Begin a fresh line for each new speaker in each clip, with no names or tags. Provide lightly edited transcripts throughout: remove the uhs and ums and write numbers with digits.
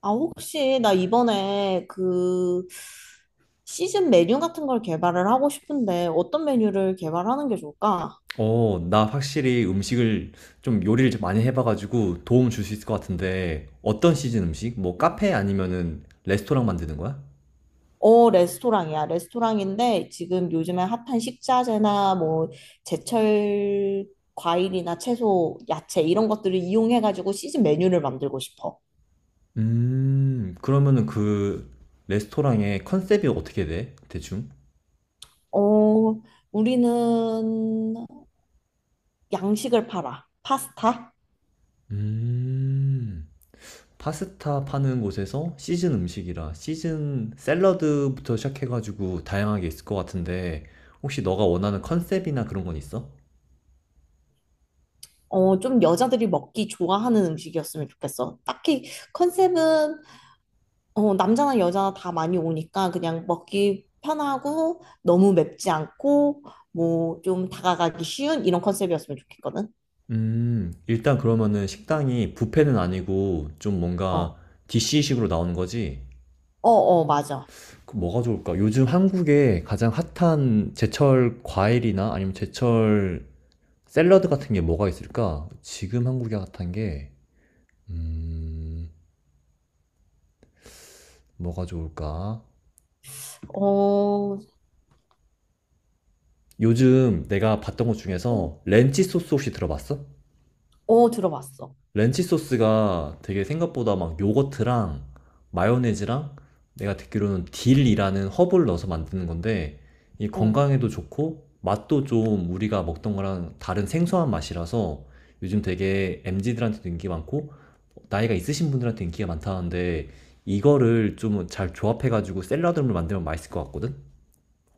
아, 혹시 나 이번에 그 시즌 메뉴 같은 걸 개발을 하고 싶은데 어떤 메뉴를 개발하는 게 좋을까?
어, 나 확실히 음식을 좀 요리를 좀 많이 해봐가지고 도움 줄 수 있을 것 같은데 어떤 시즌 음식? 뭐 카페 아니면은 레스토랑 만드는 거야?
어, 레스토랑이야. 레스토랑인데 지금 요즘에 핫한 식자재나 뭐 제철 과일이나 채소, 야채 이런 것들을 이용해가지고 시즌 메뉴를 만들고 싶어.
그러면은 그 레스토랑의 컨셉이 어떻게 돼? 대충?
어, 우리는 양식을 팔아. 파스타?
음, 파스타 파는 곳에서 시즌 음식이라 시즌 샐러드부터 시작해가지고 다양하게 있을 것 같은데 혹시 너가 원하는 컨셉이나 그런 건 있어?
어, 좀 여자들이 먹기 좋아하는 음식이었으면 좋겠어. 딱히 컨셉은 남자나 여자나 다 많이 오니까 그냥 먹기 편하고 너무 맵지 않고 뭐 좀 다가가기 쉬운 이런 컨셉이었으면 좋겠거든.
음. 일단 그러면은 식당이 뷔페는 아니고 좀 뭔가
어,
DC식으로 나오는 거지?
어, 어, 맞아.
그 뭐가 좋을까? 요즘 한국에 가장 핫한 제철 과일이나 아니면 제철 샐러드 같은 게 뭐가 있을까? 지금 한국에 핫한 게, 음, 뭐가 좋을까?
어,
요즘 내가 봤던 것
좀-
중에서 렌치 소스 혹시 들어봤어?
어, 들어봤어.
렌치 소스가 되게 생각보다 막 요거트랑 마요네즈랑 내가 듣기로는 딜이라는 허브를 넣어서 만드는 건데 이
어,
건강에도 좋고 맛도 좀 우리가 먹던 거랑 다른 생소한 맛이라서 요즘 되게 MZ들한테도 인기 많고 나이가 있으신 분들한테 인기가 많다는데 이거를 좀 잘 조합해가지고 샐러드를 만들면 맛있을 것 같거든?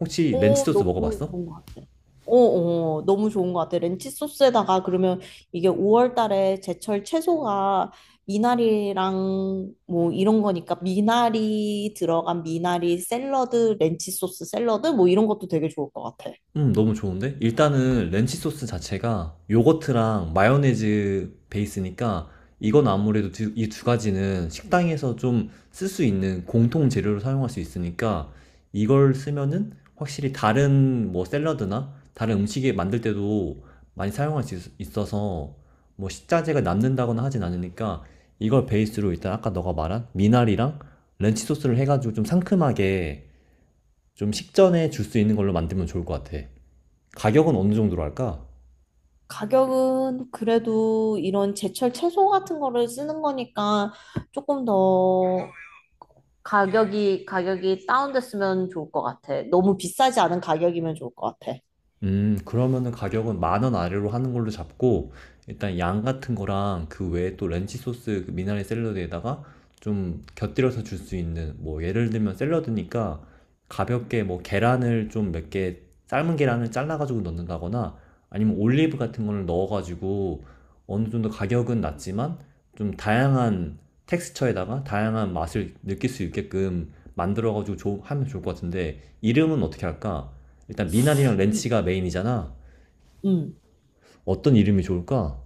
혹시 렌치
어,
소스
너무
먹어봤어?
좋은 것 같아. 어, 어, 너무 좋은 것 같아. 렌치 소스에다가 그러면 이게 5월 달에 제철 채소가 미나리랑 뭐 이런 거니까 미나리 들어간 미나리 샐러드, 렌치 소스 샐러드 뭐 이런 것도 되게 좋을 것 같아.
너무 좋은데? 일단은 렌치 소스 자체가 요거트랑 마요네즈 베이스니까 이건 아무래도 이 두 가지는 식당에서 좀 쓸 수 있는 공통 재료로 사용할 수 있으니까 이걸 쓰면은 확실히 다른 뭐 샐러드나 다른 음식에 만들 때도 많이 사용할 수 있어서 뭐 식자재가 남는다거나 하진 않으니까 이걸 베이스로 일단 아까 너가 말한 미나리랑 렌치 소스를 해가지고 좀 상큼하게 좀 식전에 줄 수 있는 걸로 만들면 좋을 것 같아. 가격은 어느 정도로 할까?
가격은 그래도 이런 제철 채소 같은 거를 쓰는 거니까 조금 더 가격이 다운됐으면 좋을 것 같아. 너무 비싸지 않은 가격이면 좋을 것 같아.
그러면은 가격은 만원 아래로 하는 걸로 잡고, 일단 양 같은 거랑 그 외에 또 렌치 소스 그 미나리 샐러드에다가 좀 곁들여서 줄 수 있는, 뭐, 예를 들면 샐러드니까 가볍게 뭐 계란을 좀 몇 개, 삶은 계란을 잘라가지고 넣는다거나 아니면 올리브 같은 거를 넣어가지고 어느 정도 가격은 낮지만 좀 다양한 텍스처에다가 다양한 맛을 느낄 수 있게끔 만들어가지고 하면 좋을 것 같은데, 이름은 어떻게 할까? 일단 미나리랑
이-
렌치가 메인이잖아.
음.
어떤 이름이 좋을까?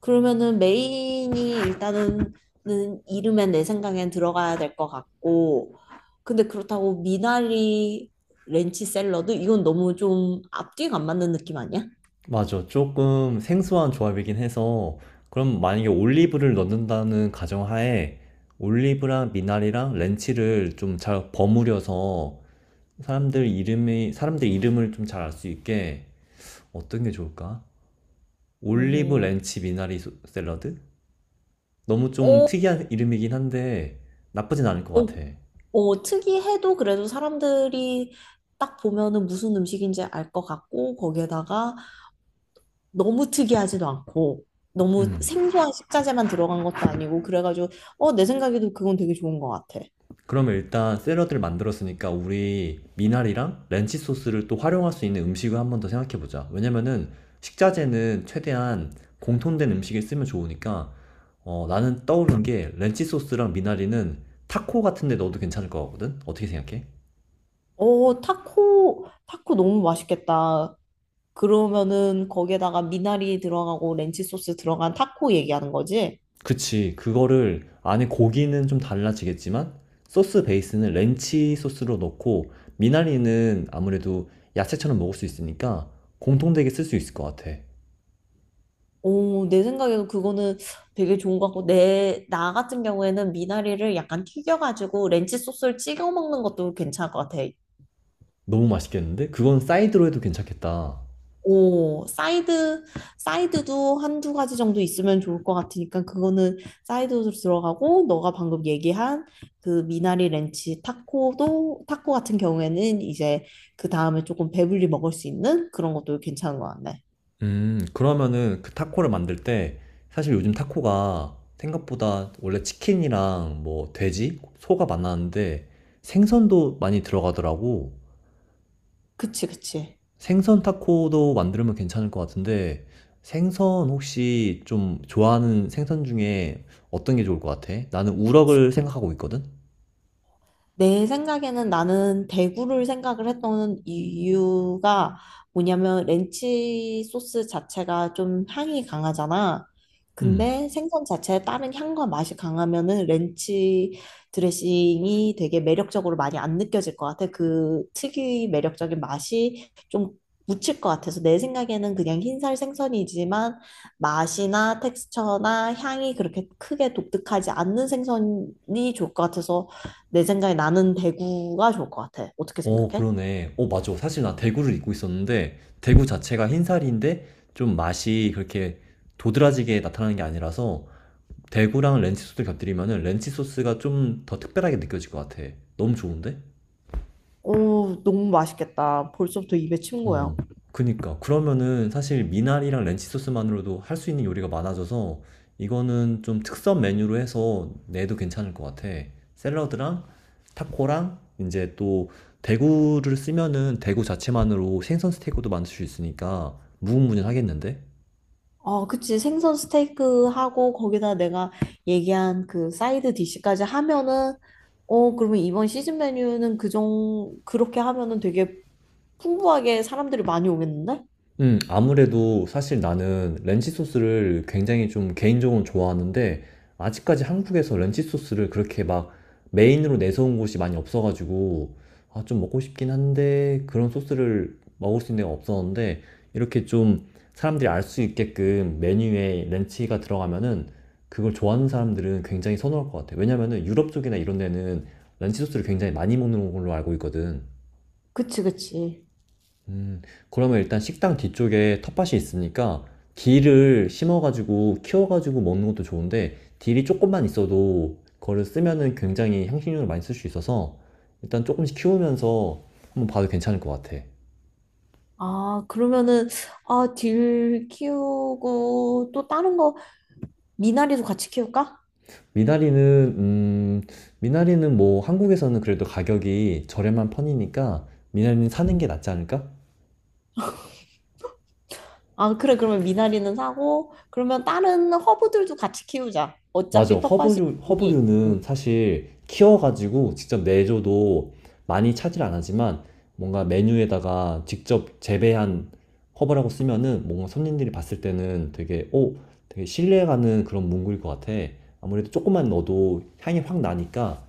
그러면은 메인이 일단은 는 이름엔 내 생각엔 들어가야 될 것 같고, 근데 그렇다고 미나리 렌치 샐러드? 이건 너무 좀 앞뒤가 안 맞는 느낌 아니야?
맞아. 조금 생소한 조합이긴 해서 그럼 만약에 올리브를 넣는다는 가정하에 올리브랑 미나리랑 렌치를 좀 잘 버무려서 사람들 이름이 사람들 이름을 좀 잘 알 수 있게 어떤 게 좋을까? 올리브
어,
렌치 미나리 샐러드? 너무 좀
어,
특이한 이름이긴 한데 나쁘진 않을 것
어,
같아.
어, 특이해도 그래도 사람들이 딱 보면은 무슨 음식인지 알 것 같고, 거기에다가 너무 특이하지도 않고, 너무
음.
생소한 식자재만 들어간 것도 아니고, 그래가지고, 어, 내 생각에도 그건 되게 좋은 것 같아.
그러면 일단 샐러드를 만들었으니까 우리 미나리랑 렌치 소스를 또 활용할 수 있는 음식을 한번 더 생각해 보자. 왜냐면은 식자재는 최대한 공통된 음식에 쓰면 좋으니까 어, 나는 떠오른 게 렌치 소스랑 미나리는 타코 같은 데 넣어도 괜찮을 것 같거든? 어떻게 생각해?
오, 타코, 타코 너무 맛있겠다. 그러면은 거기에다가 미나리 들어가고 렌치 소스 들어간 타코 얘기하는 거지?
그치. 그거를 안에 고기는 좀 달라지겠지만 소스 베이스는 렌치 소스로 넣고 미나리는 아무래도 야채처럼 먹을 수 있으니까 공통되게 쓸 수 있을 것 같아.
오, 내 생각에도 그거는 되게 좋은 것 같고, 나 같은 경우에는 미나리를 약간 튀겨가지고 렌치 소스를 찍어 먹는 것도 괜찮을 것 같아.
너무 맛있겠는데? 그건 사이드로 해도 괜찮겠다.
오, 사이드도 한 두 가지 정도 있으면 좋을 것 같으니까 그거는 사이드로 들어가고 너가 방금 얘기한 그 미나리 렌치 타코도 타코 같은 경우에는 이제 그 다음에 조금 배불리 먹을 수 있는 그런 것도 괜찮은 것 같네.
그러면은 그 타코를 만들 때 사실 요즘 타코가 생각보다 원래 치킨이랑 뭐 돼지, 소가 많았는데 생선도 많이 들어가더라고.
그치, 그치.
생선 타코도 만들면 괜찮을 것 같은데 생선 혹시 좀 좋아하는 생선 중에 어떤 게 좋을 것 같아? 나는 우럭을 생각하고 있거든?
내 생각에는 나는 대구를 생각을 했던 이유가 뭐냐면 렌치 소스 자체가 좀 향이 강하잖아.
음.
근데 생선 자체에 다른 향과 맛이 강하면은 렌치 드레싱이 되게 매력적으로 많이 안 느껴질 것 같아. 그 특유의 매력적인 맛이 좀 묻힐 것 같아서 내 생각에는 그냥 흰살 생선이지만 맛이나 텍스처나 향이 그렇게 크게 독특하지 않는 생선이 좋을 것 같아서 내 생각에 나는 대구가 좋을 것 같아. 어떻게
어,
생각해?
그러네. 어, 맞아. 사실 나 대구를 입고 있었는데, 대구 자체가 흰살인데, 좀 맛이 그렇게 도드라지게 나타나는 게 아니라서, 대구랑 렌치 소스를 곁들이면은 렌치 소스가 좀 더 특별하게 느껴질 것 같아. 너무 좋은데?
오, 너무 맛있겠다. 벌써부터 입에 침 고여.
어, 그니까. 그러면은 사실 미나리랑 렌치 소스만으로도 할 수 있는 요리가 많아져서 이거는 좀 특선 메뉴로 해서 내도 괜찮을 것 같아. 샐러드랑 타코랑 이제 또 대구를 쓰면은 대구 자체만으로 생선 스테이크도 만들 수 있으니까 무궁무진하겠는데?
어, 그치. 생선 스테이크 하고 거기다 내가 얘기한 그 사이드 디시까지 하면은 어, 그러면 이번 시즌 메뉴는 그 그렇게 하면은 되게 풍부하게 사람들이 많이 오겠는데?
아무래도 사실 나는 렌치 소스를 굉장히 좀 개인적으로 좋아하는데, 아직까지 한국에서 렌치 소스를 그렇게 막 메인으로 내세운 곳이 많이 없어가지고, 아, 좀 먹고 싶긴 한데, 그런 소스를 먹을 수 있는 데가 없었는데, 이렇게 좀 사람들이 알 수 있게끔 메뉴에 렌치가 들어가면은, 그걸 좋아하는 사람들은 굉장히 선호할 것 같아. 왜냐면은 유럽 쪽이나 이런 데는 렌치 소스를 굉장히 많이 먹는 걸로 알고 있거든.
그치, 그치.
음, 그러면 일단 식당 뒤쪽에 텃밭이 있으니까 딜을 심어가지고 키워가지고 먹는 것도 좋은데 딜이 조금만 있어도 그거를 쓰면은 굉장히 향신료를 많이 쓸 수 있어서 일단 조금씩 키우면서 한번 봐도 괜찮을 것 같아.
아, 그러면은, 아, 딜 키우고 또 다른 거, 미나리도 같이 키울까?
미나리는 음, 미나리는 뭐 한국에서는 그래도 가격이 저렴한 편이니까 미나리는 사는
음.
게 낫지 않을까?
아, 그래, 그러면 미나리는 사고, 그러면 다른 허브들도 같이 키우자.
맞아.
어차피 텃밭이
허브류,
있으니.
허브류는 사실 키워가지고 직접 내줘도 많이 차질 안 하지만 뭔가 메뉴에다가 직접 재배한 허브라고 쓰면은 뭔가 손님들이 봤을 때는 되게, 오, 되게 신뢰가는 그런 문구일 것 같아. 아무래도 조금만 넣어도 향이 확 나니까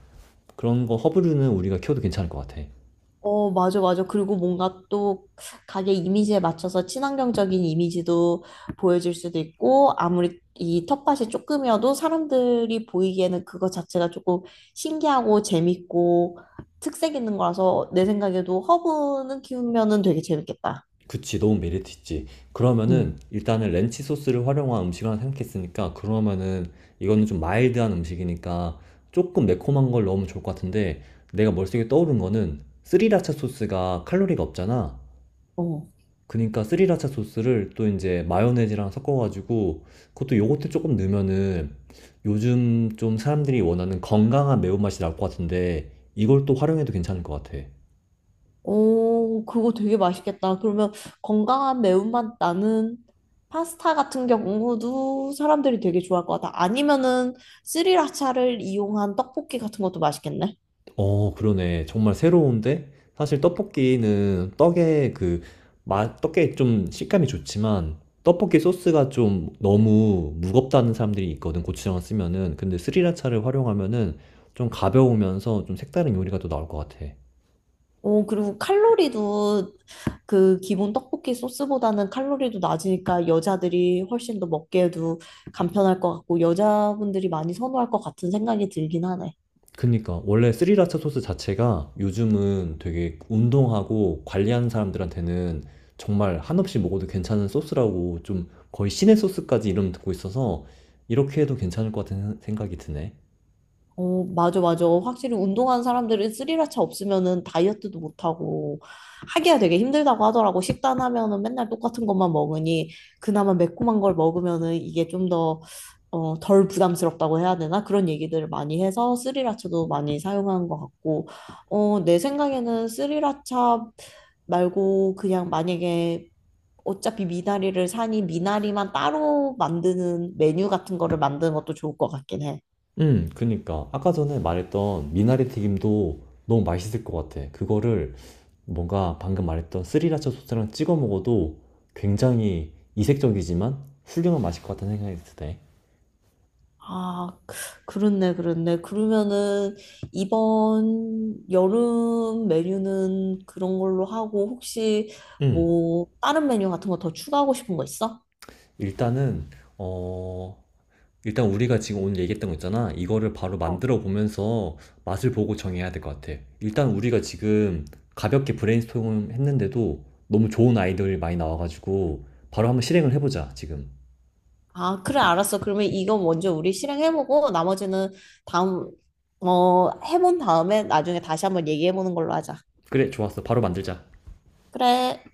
그런 거 허브류는 우리가 키워도 괜찮을 것 같아.
어, 맞아, 맞아. 그리고 뭔가 또 가게 이미지에 맞춰서 친환경적인 이미지도 보여줄 수도 있고, 아무리 이 텃밭이 조금이어도 사람들이 보이기에는 그거 자체가 조금 신기하고 재밌고 특색 있는 거라서 내 생각에도 허브는 키우면은 되게 재밌겠다.
그치, 너무 메리트 있지. 그러면은
응.
일단은 렌치 소스를 활용한 음식을 하나 생각했으니까 그러면은 이거는 좀 마일드한 음식이니까 조금 매콤한 걸 넣으면 좋을 것 같은데 내가 머릿속에 떠오른 거는 스리라차 소스가 칼로리가 없잖아.
어.
그러니까 스리라차 소스를 또 이제 마요네즈랑 섞어가지고 그것도 요거트 조금 넣으면은 요즘 좀 사람들이 원하는 건강한 매운맛이 나올 것 같은데 이걸 또 활용해도 괜찮을 것 같아.
오, 그거 되게 맛있겠다. 그러면 건강한 매운맛 나는 파스타 같은 경우도 사람들이 되게 좋아할 것 같아. 아니면은 스리라차를 이용한 떡볶이 같은 것도 맛있겠네.
어, 그러네. 정말 새로운데? 사실 떡볶이는 떡에 좀 식감이 좋지만, 떡볶이 소스가 좀 너무 무겁다는 사람들이 있거든, 고추장을 쓰면은. 근데 스리라차를 활용하면은 좀 가벼우면서 좀 색다른 요리가 또 나올 것 같아.
오, 그리고 칼로리도 그 기본 떡볶이 소스보다는 칼로리도 낮으니까 여자들이 훨씬 더 먹기에도 간편할 것 같고 여자분들이 많이 선호할 것 같은 생각이 들긴 하네.
그니까, 원래 스리라차 소스 자체가 요즘은 되게 운동하고 관리하는 사람들한테는 정말 한없이 먹어도 괜찮은 소스라고 좀 거의 신의 소스까지 이름 듣고 있어서 이렇게 해도 괜찮을 것 같은 생각이 드네.
어, 맞아, 맞아. 확실히 운동하는 사람들은 스리라차 없으면은 다이어트도 못하고 하기가 되게 힘들다고 하더라고. 식단하면은 맨날 똑같은 것만 먹으니 그나마 매콤한 걸 먹으면은 이게 좀 더, 어, 덜 부담스럽다고 해야 되나? 그런 얘기들을 많이 해서 스리라차도 많이 사용하는 것 같고, 어, 내 생각에는 스리라차 말고 그냥 만약에 어차피 미나리를 사니 미나리만 따로 만드는 메뉴 같은 거를 만드는 것도 좋을 것 같긴 해.
그니까. 아까 전에 말했던 미나리 튀김도 너무 맛있을 것 같아. 그거를 뭔가 방금 말했던 스리라차 소스랑 찍어 먹어도 굉장히 이색적이지만 훌륭한 맛일 것 같다는 생각이 드네.
아, 그렇네, 그렇네. 그러면은 이번 여름 메뉴는 그런 걸로 하고 혹시
음.
뭐 다른 메뉴 같은 거 더 추가하고 싶은 거 있어?
일단은 어 일단 우리가 지금 오늘 얘기했던 거 있잖아. 이거를 바로
어.
만들어 보면서 맛을 보고 정해야 될 것 같아. 일단 우리가 지금 가볍게 브레인스토밍 했는데도 너무 좋은 아이디어들이 많이 나와가지고 바로 한번 실행을 해보자, 지금.
아, 그래, 알았어. 그러면 이거 먼저 우리 실행해보고 나머지는 다음, 해본 다음에 나중에 다시 한번 얘기해보는 걸로 하자.
그래, 좋았어. 바로 만들자.
그래.